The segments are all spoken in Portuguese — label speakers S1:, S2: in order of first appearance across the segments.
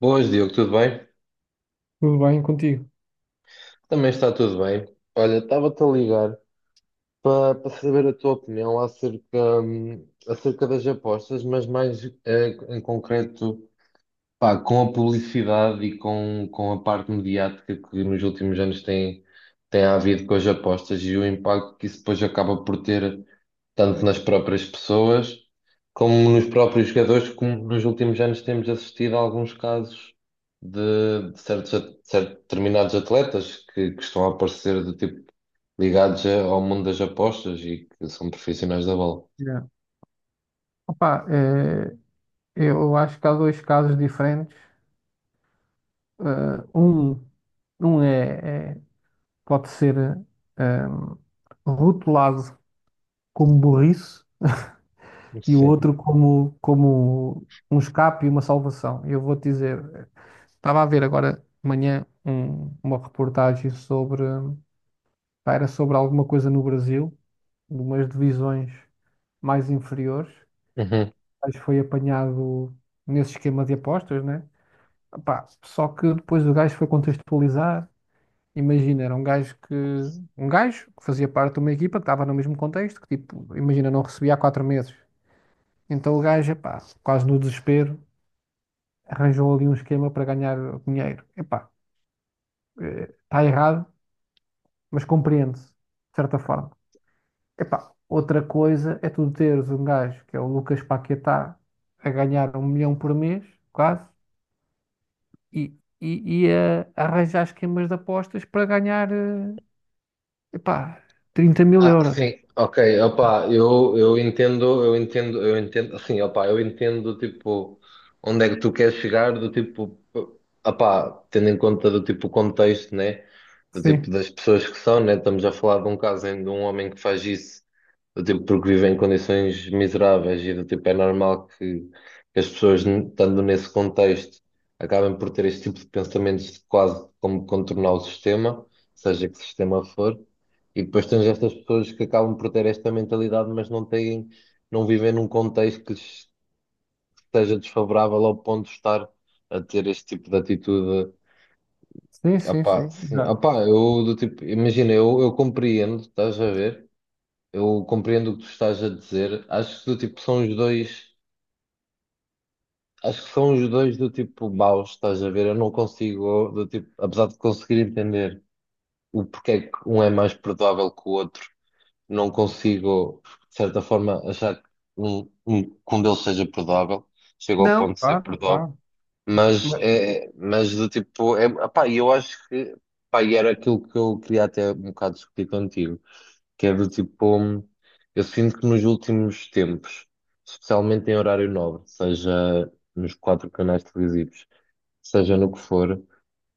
S1: Boas, Diogo, tudo bem?
S2: Tudo bem contigo?
S1: Também está tudo bem. Olha, estava-te a ligar para saber a tua opinião acerca das apostas, mas mais em concreto, pá, com a publicidade e com a parte mediática que nos últimos anos tem havido com as apostas e o impacto que isso depois acaba por ter tanto nas próprias pessoas, como nos próprios jogadores, como nos últimos anos temos assistido a alguns casos de certos determinados atletas que estão a aparecer do tipo ligados ao mundo das apostas e que são profissionais da bola.
S2: Yeah. Opa, eu acho que há dois casos diferentes. Eh, um um pode ser eh, rotulado como burrice e o
S1: Sim.
S2: outro como um escape e uma salvação. Eu vou te dizer, estava a ver agora de manhã uma reportagem sobre, pá, era sobre alguma coisa no Brasil, de umas divisões mais inferiores,
S1: Uhum.
S2: mas foi apanhado nesse esquema de apostas, né? Pá, só que depois o gajo foi contextualizar. Imagina, era um gajo que. Um gajo que fazia parte de uma equipa que estava no mesmo contexto, que tipo, imagina, não recebia há 4 meses. Então o gajo, epá, quase no desespero, arranjou ali um esquema para ganhar dinheiro. Epá, está errado, mas compreende-se, de certa forma. Epá, outra coisa é tu teres um gajo que é o Lucas Paquetá a ganhar um milhão por mês, quase, e, e a arranjar esquemas de apostas para ganhar. Epá, 30 mil
S1: Ah,
S2: euros.
S1: sim, ok, opá, eu entendo, eu entendo, eu entendo, assim, opá, eu entendo, tipo, onde é que tu queres chegar, do tipo, opá, tendo em conta do tipo o contexto, né, do tipo
S2: Sim,
S1: das pessoas que são, né, estamos a falar de um caso de um homem que faz isso do tipo, porque vivem em condições miseráveis e do tipo, é normal que as pessoas, estando nesse contexto, acabem por ter este tipo de pensamentos de quase como contornar o sistema, seja que sistema for, e depois tens estas pessoas que acabam por ter esta mentalidade, mas não têm, não vivem num contexto que lhes esteja desfavorável ao ponto de estar a ter este tipo de atitude.
S2: sim,
S1: Ah
S2: sim,
S1: pá,
S2: sim.
S1: sim,
S2: Já.
S1: ah pá, eu do tipo, imagina, eu compreendo, estás a ver? Eu compreendo o que tu estás a dizer. Acho que do tipo são os dois, acho que são os dois do tipo maus, estás a ver? Eu não consigo, do tipo, apesar de conseguir entender o porquê é que um é mais perdoável que o outro, não consigo, de certa forma, achar que que um deles seja perdoável. Chego ao
S2: Não,
S1: ponto de ser
S2: claro,
S1: perdoável.
S2: claro.
S1: Mas
S2: mas-
S1: é, mas do tipo, é, pá, eu acho que, pá, e era aquilo que eu queria até um bocado discutir contigo que é do tipo, eu sinto que nos últimos tempos, especialmente em horário nobre, seja nos quatro canais televisivos, seja no que for,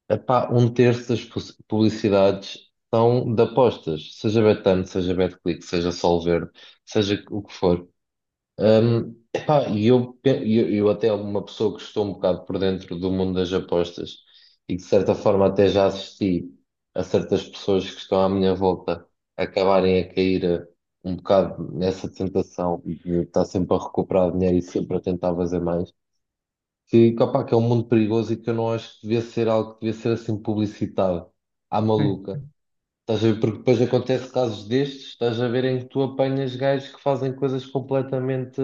S1: epá, um terço das publicidades são de apostas, seja Betano, seja Betclic, seja Solverde, seja o que for. Epá, e eu até uma pessoa que estou um bocado por dentro do mundo das apostas e que de certa forma até já assisti a certas pessoas que estão à minha volta acabarem a cair um bocado nessa tentação de estar sempre a recuperar dinheiro e sempre a tentar fazer mais, opá, que é um mundo perigoso e que eu não acho que devia ser algo que devia ser assim publicitado à
S2: Sim.
S1: maluca. Estás a ver? Porque depois acontece casos destes, estás a ver em que tu apanhas gajos que fazem coisas completamente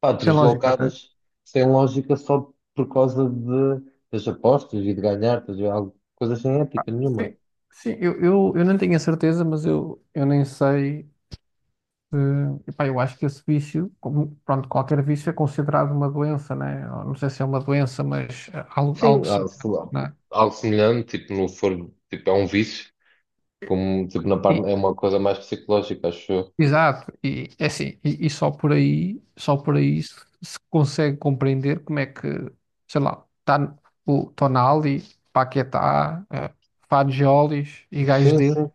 S1: pá,
S2: Sem lógica até.
S1: deslocadas, sem lógica, só por causa das apostas e de ganhar, estás a ver? Algo, coisa sem ética nenhuma.
S2: Sim, sim, eu não tenho a certeza, mas eu nem sei. Epá, eu acho que esse vício, como, pronto, qualquer vício é considerado uma doença, né? Eu não sei se é uma doença, mas
S1: Sim,
S2: algo
S1: há,
S2: semelhante,
S1: sei lá,
S2: né?
S1: algo semelhante, tipo, no for, tipo, é um vício, como tipo, na
S2: E,
S1: parte, é uma coisa mais psicológica, acho eu.
S2: Exato, e é assim, só por aí se consegue compreender como é que, sei lá, tá, o Tonali, Paquetá, Fagiolis e gajos
S1: Sim,
S2: dele
S1: sim.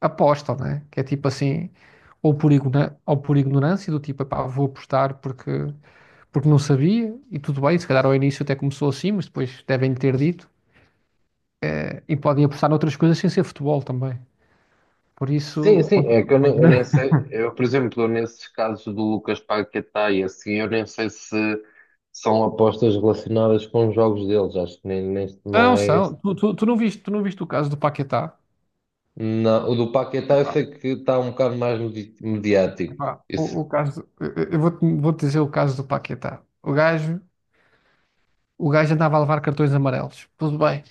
S2: apostam, né? Que é tipo assim, ou por ignorância, do tipo, epá, vou apostar porque não sabia, e tudo bem, se calhar ao início até começou assim, mas depois devem ter dito, e podem apostar noutras coisas sem ser futebol também. Por
S1: Sim,
S2: isso,
S1: sim, é que eu nem,
S2: quando-
S1: eu nem sei, eu, por exemplo, nesses casos do Lucas Paquetá e assim, eu nem sei se são apostas relacionadas com os jogos deles, acho que nem não
S2: não
S1: é esse.
S2: são. Tu não viste, o caso do Paquetá?
S1: Não, o do Paquetá eu
S2: Ah,
S1: sei que está um bocado mais mediático.
S2: pá,
S1: Isso.
S2: o caso, eu vou dizer o caso do Paquetá. O gajo andava a levar cartões amarelos. Tudo bem.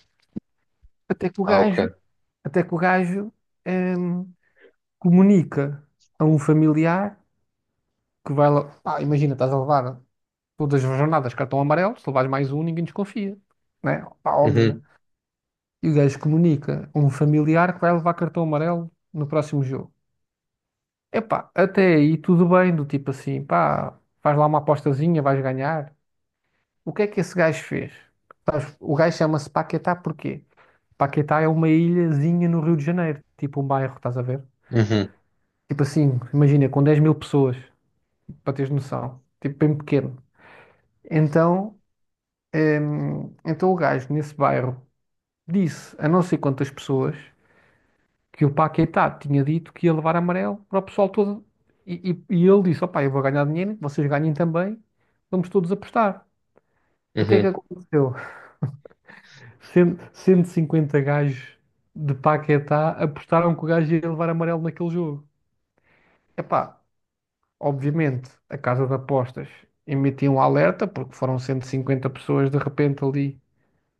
S2: Até que o
S1: Ah,
S2: gajo,
S1: ok.
S2: até que o gajo hum, comunica a um familiar que vai lá. Pá, imagina, estás a levar todas as jornadas cartão amarelo, se levares mais um, ninguém desconfia. Né? Pá, óbvio,
S1: Uhum,
S2: né? E o gajo comunica a um familiar que vai levar cartão amarelo no próximo jogo. Epá, até aí tudo bem, do tipo assim, pá, faz lá uma apostazinha, vais ganhar. O que é que esse gajo fez? Sabes, o gajo chama-se Paquetá porquê? Paquetá é uma ilhazinha no Rio de Janeiro, tipo um bairro, estás a ver?
S1: uhum,
S2: Tipo assim, imagina, com 10 mil pessoas, para teres noção, tipo bem pequeno. Então, então o gajo nesse bairro disse a não sei quantas pessoas que o Paquetá tinha dito que ia levar amarelo para o pessoal todo. E ele disse: opá, eu vou ganhar dinheiro, vocês ganhem também, vamos todos apostar. Então, o que é que
S1: uhum.
S2: aconteceu? 150 gajos de Paquetá apostaram que o gajo ia levar amarelo naquele jogo. Epá, obviamente, a casa de apostas emitiu um alerta, porque foram 150 pessoas de repente ali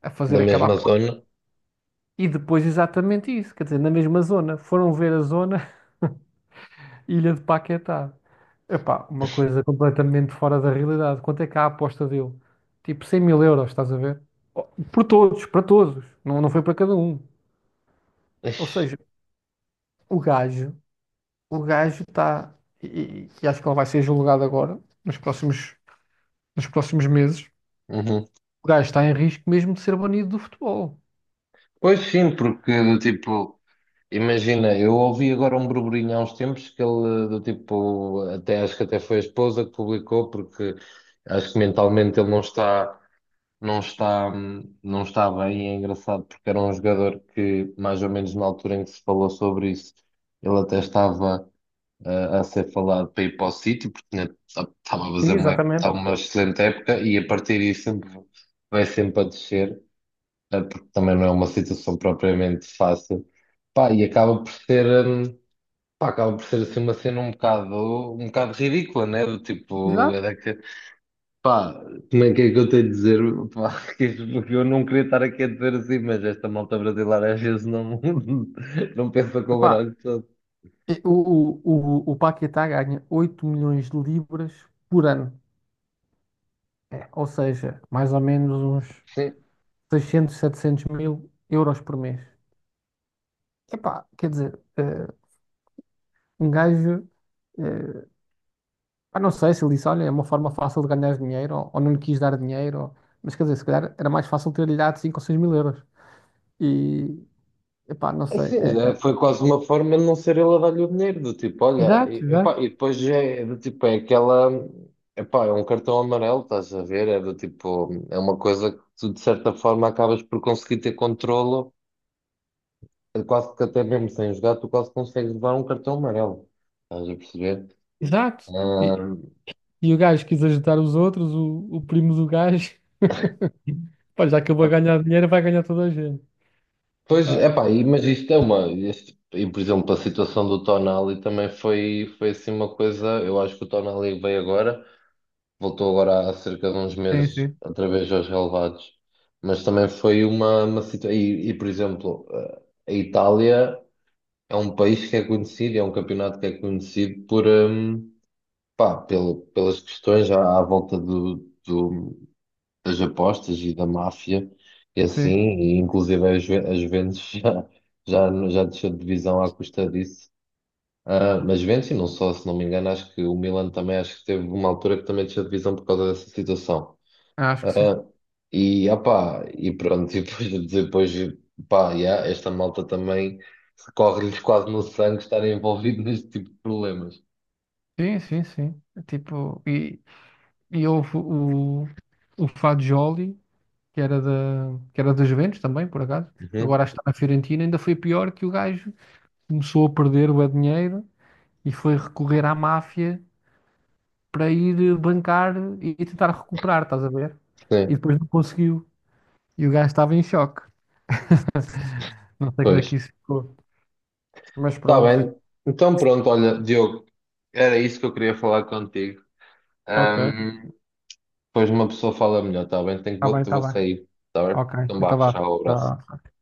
S2: a
S1: Da
S2: fazer aquela
S1: mesma
S2: aposta.
S1: zona.
S2: E depois exatamente isso, quer dizer, na mesma zona. Foram ver a zona Ilha de Paquetá. Epá, uma coisa completamente fora da realidade. Quanto é que há a aposta dele? Tipo 100 mil euros, estás a ver? Oh, por todos, para todos. Não, não foi para cada um. Ou
S1: Ixi,
S2: seja, o gajo o gajo está. Acho que ele vai ser julgado agora, nos próximos meses,
S1: uhum.
S2: o gajo está em risco mesmo de ser banido do futebol.
S1: Pois sim, porque do tipo, imagina, eu ouvi agora um burburinho há uns tempos que ele do tipo, até acho que até foi a esposa que publicou, porque acho que mentalmente ele não está bem, e é engraçado porque era um jogador que mais ou menos na altura em que se falou sobre isso, ele até estava a ser falado para ir para o City, porque tinha- estava a
S2: Sim,
S1: fazer uma,
S2: exatamente.
S1: estava uma excelente época e a partir disso sempre vai sempre a descer porque também não é uma situação propriamente fácil. Pá, e acaba por ser assim uma cena um bocado ridícula, né? Do tipo, é
S2: Exato.
S1: pá, como é que eu tenho de dizer? Pá, porque eu não queria estar aqui a dizer assim, mas esta malta brasileira às vezes não, não pensa com o
S2: Epá,
S1: baralho todo.
S2: e o, o Paquetá ganha 8 milhões de libras por ano. É, ou seja, mais ou menos uns 600, 700 mil euros por mês. Epá, quer dizer, um gajo eh, ah, não sei se ele disse, olha, é uma forma fácil de ganhar dinheiro, ou não lhe quis dar dinheiro, mas quer dizer, se calhar era mais fácil ter-lhe dado 5 ou 6 mil euros. E, epá, não
S1: É,
S2: sei.
S1: sim, é, foi quase uma forma de não ser ele a dar-lhe o dinheiro, do tipo, olha,
S2: Exato,
S1: epá,
S2: exato,
S1: e depois é do tipo, é aquela, epá, é um cartão amarelo, estás a ver? É do tipo, é uma coisa que tu de certa forma acabas por conseguir ter controlo, quase que até mesmo sem jogar, tu quase consegues levar um cartão amarelo, estás a perceber?
S2: exato. E, o gajo quis ajudar os outros, o primo do gajo, pá, já acabou a
S1: Ah,
S2: ganhar dinheiro, vai ganhar toda a gente.
S1: pois,
S2: Epá.
S1: epá, mas isto é uma, e por exemplo, a situação do Tonali também foi assim uma coisa, eu acho que o Tonali veio agora. Voltou agora há cerca de uns
S2: Sim,
S1: meses,
S2: sim,
S1: outra vez aos relevados. Mas também foi uma situação. E, por exemplo, a Itália é um país que é conhecido, é um campeonato que é conhecido por, pá, pelas questões à volta do- das apostas e da máfia, e assim,
S2: sim.
S1: e inclusive a Juventus já desceu de divisão à custa disso. Ah, mas Juventus, e não só, se não me engano, acho que o Milan também, acho que teve uma altura que também desceu de divisão por causa dessa situação.
S2: Acho que
S1: Ah,
S2: sim.
S1: opá, e pronto, e depois, depois pá, yeah, esta malta também corre-lhes quase no sangue estar envolvido neste tipo de problemas.
S2: Sim, sim, sim. Tipo, houve o Fagioli, que era da Juventus também, por acaso.
S1: Uhum.
S2: Agora está na Fiorentina, ainda foi pior que o gajo começou a perder o dinheiro e foi recorrer à máfia para ir bancar e tentar recuperar, estás a ver? E
S1: Sim,
S2: depois não conseguiu. E o gajo estava em choque. Não sei como é que
S1: pois.
S2: isso ficou. Mas
S1: Está
S2: pronto.
S1: bem. Então pronto, olha, Diogo, era isso que eu queria falar contigo.
S2: Ok.
S1: Ahm, depois uma pessoa fala melhor, está bem? Tenho que,
S2: Está
S1: vou,
S2: bem, está
S1: vou
S2: bem.
S1: sair, está bem?
S2: Ok.
S1: Então vá,
S2: Então vá.
S1: tchau, abraço.
S2: Tchau.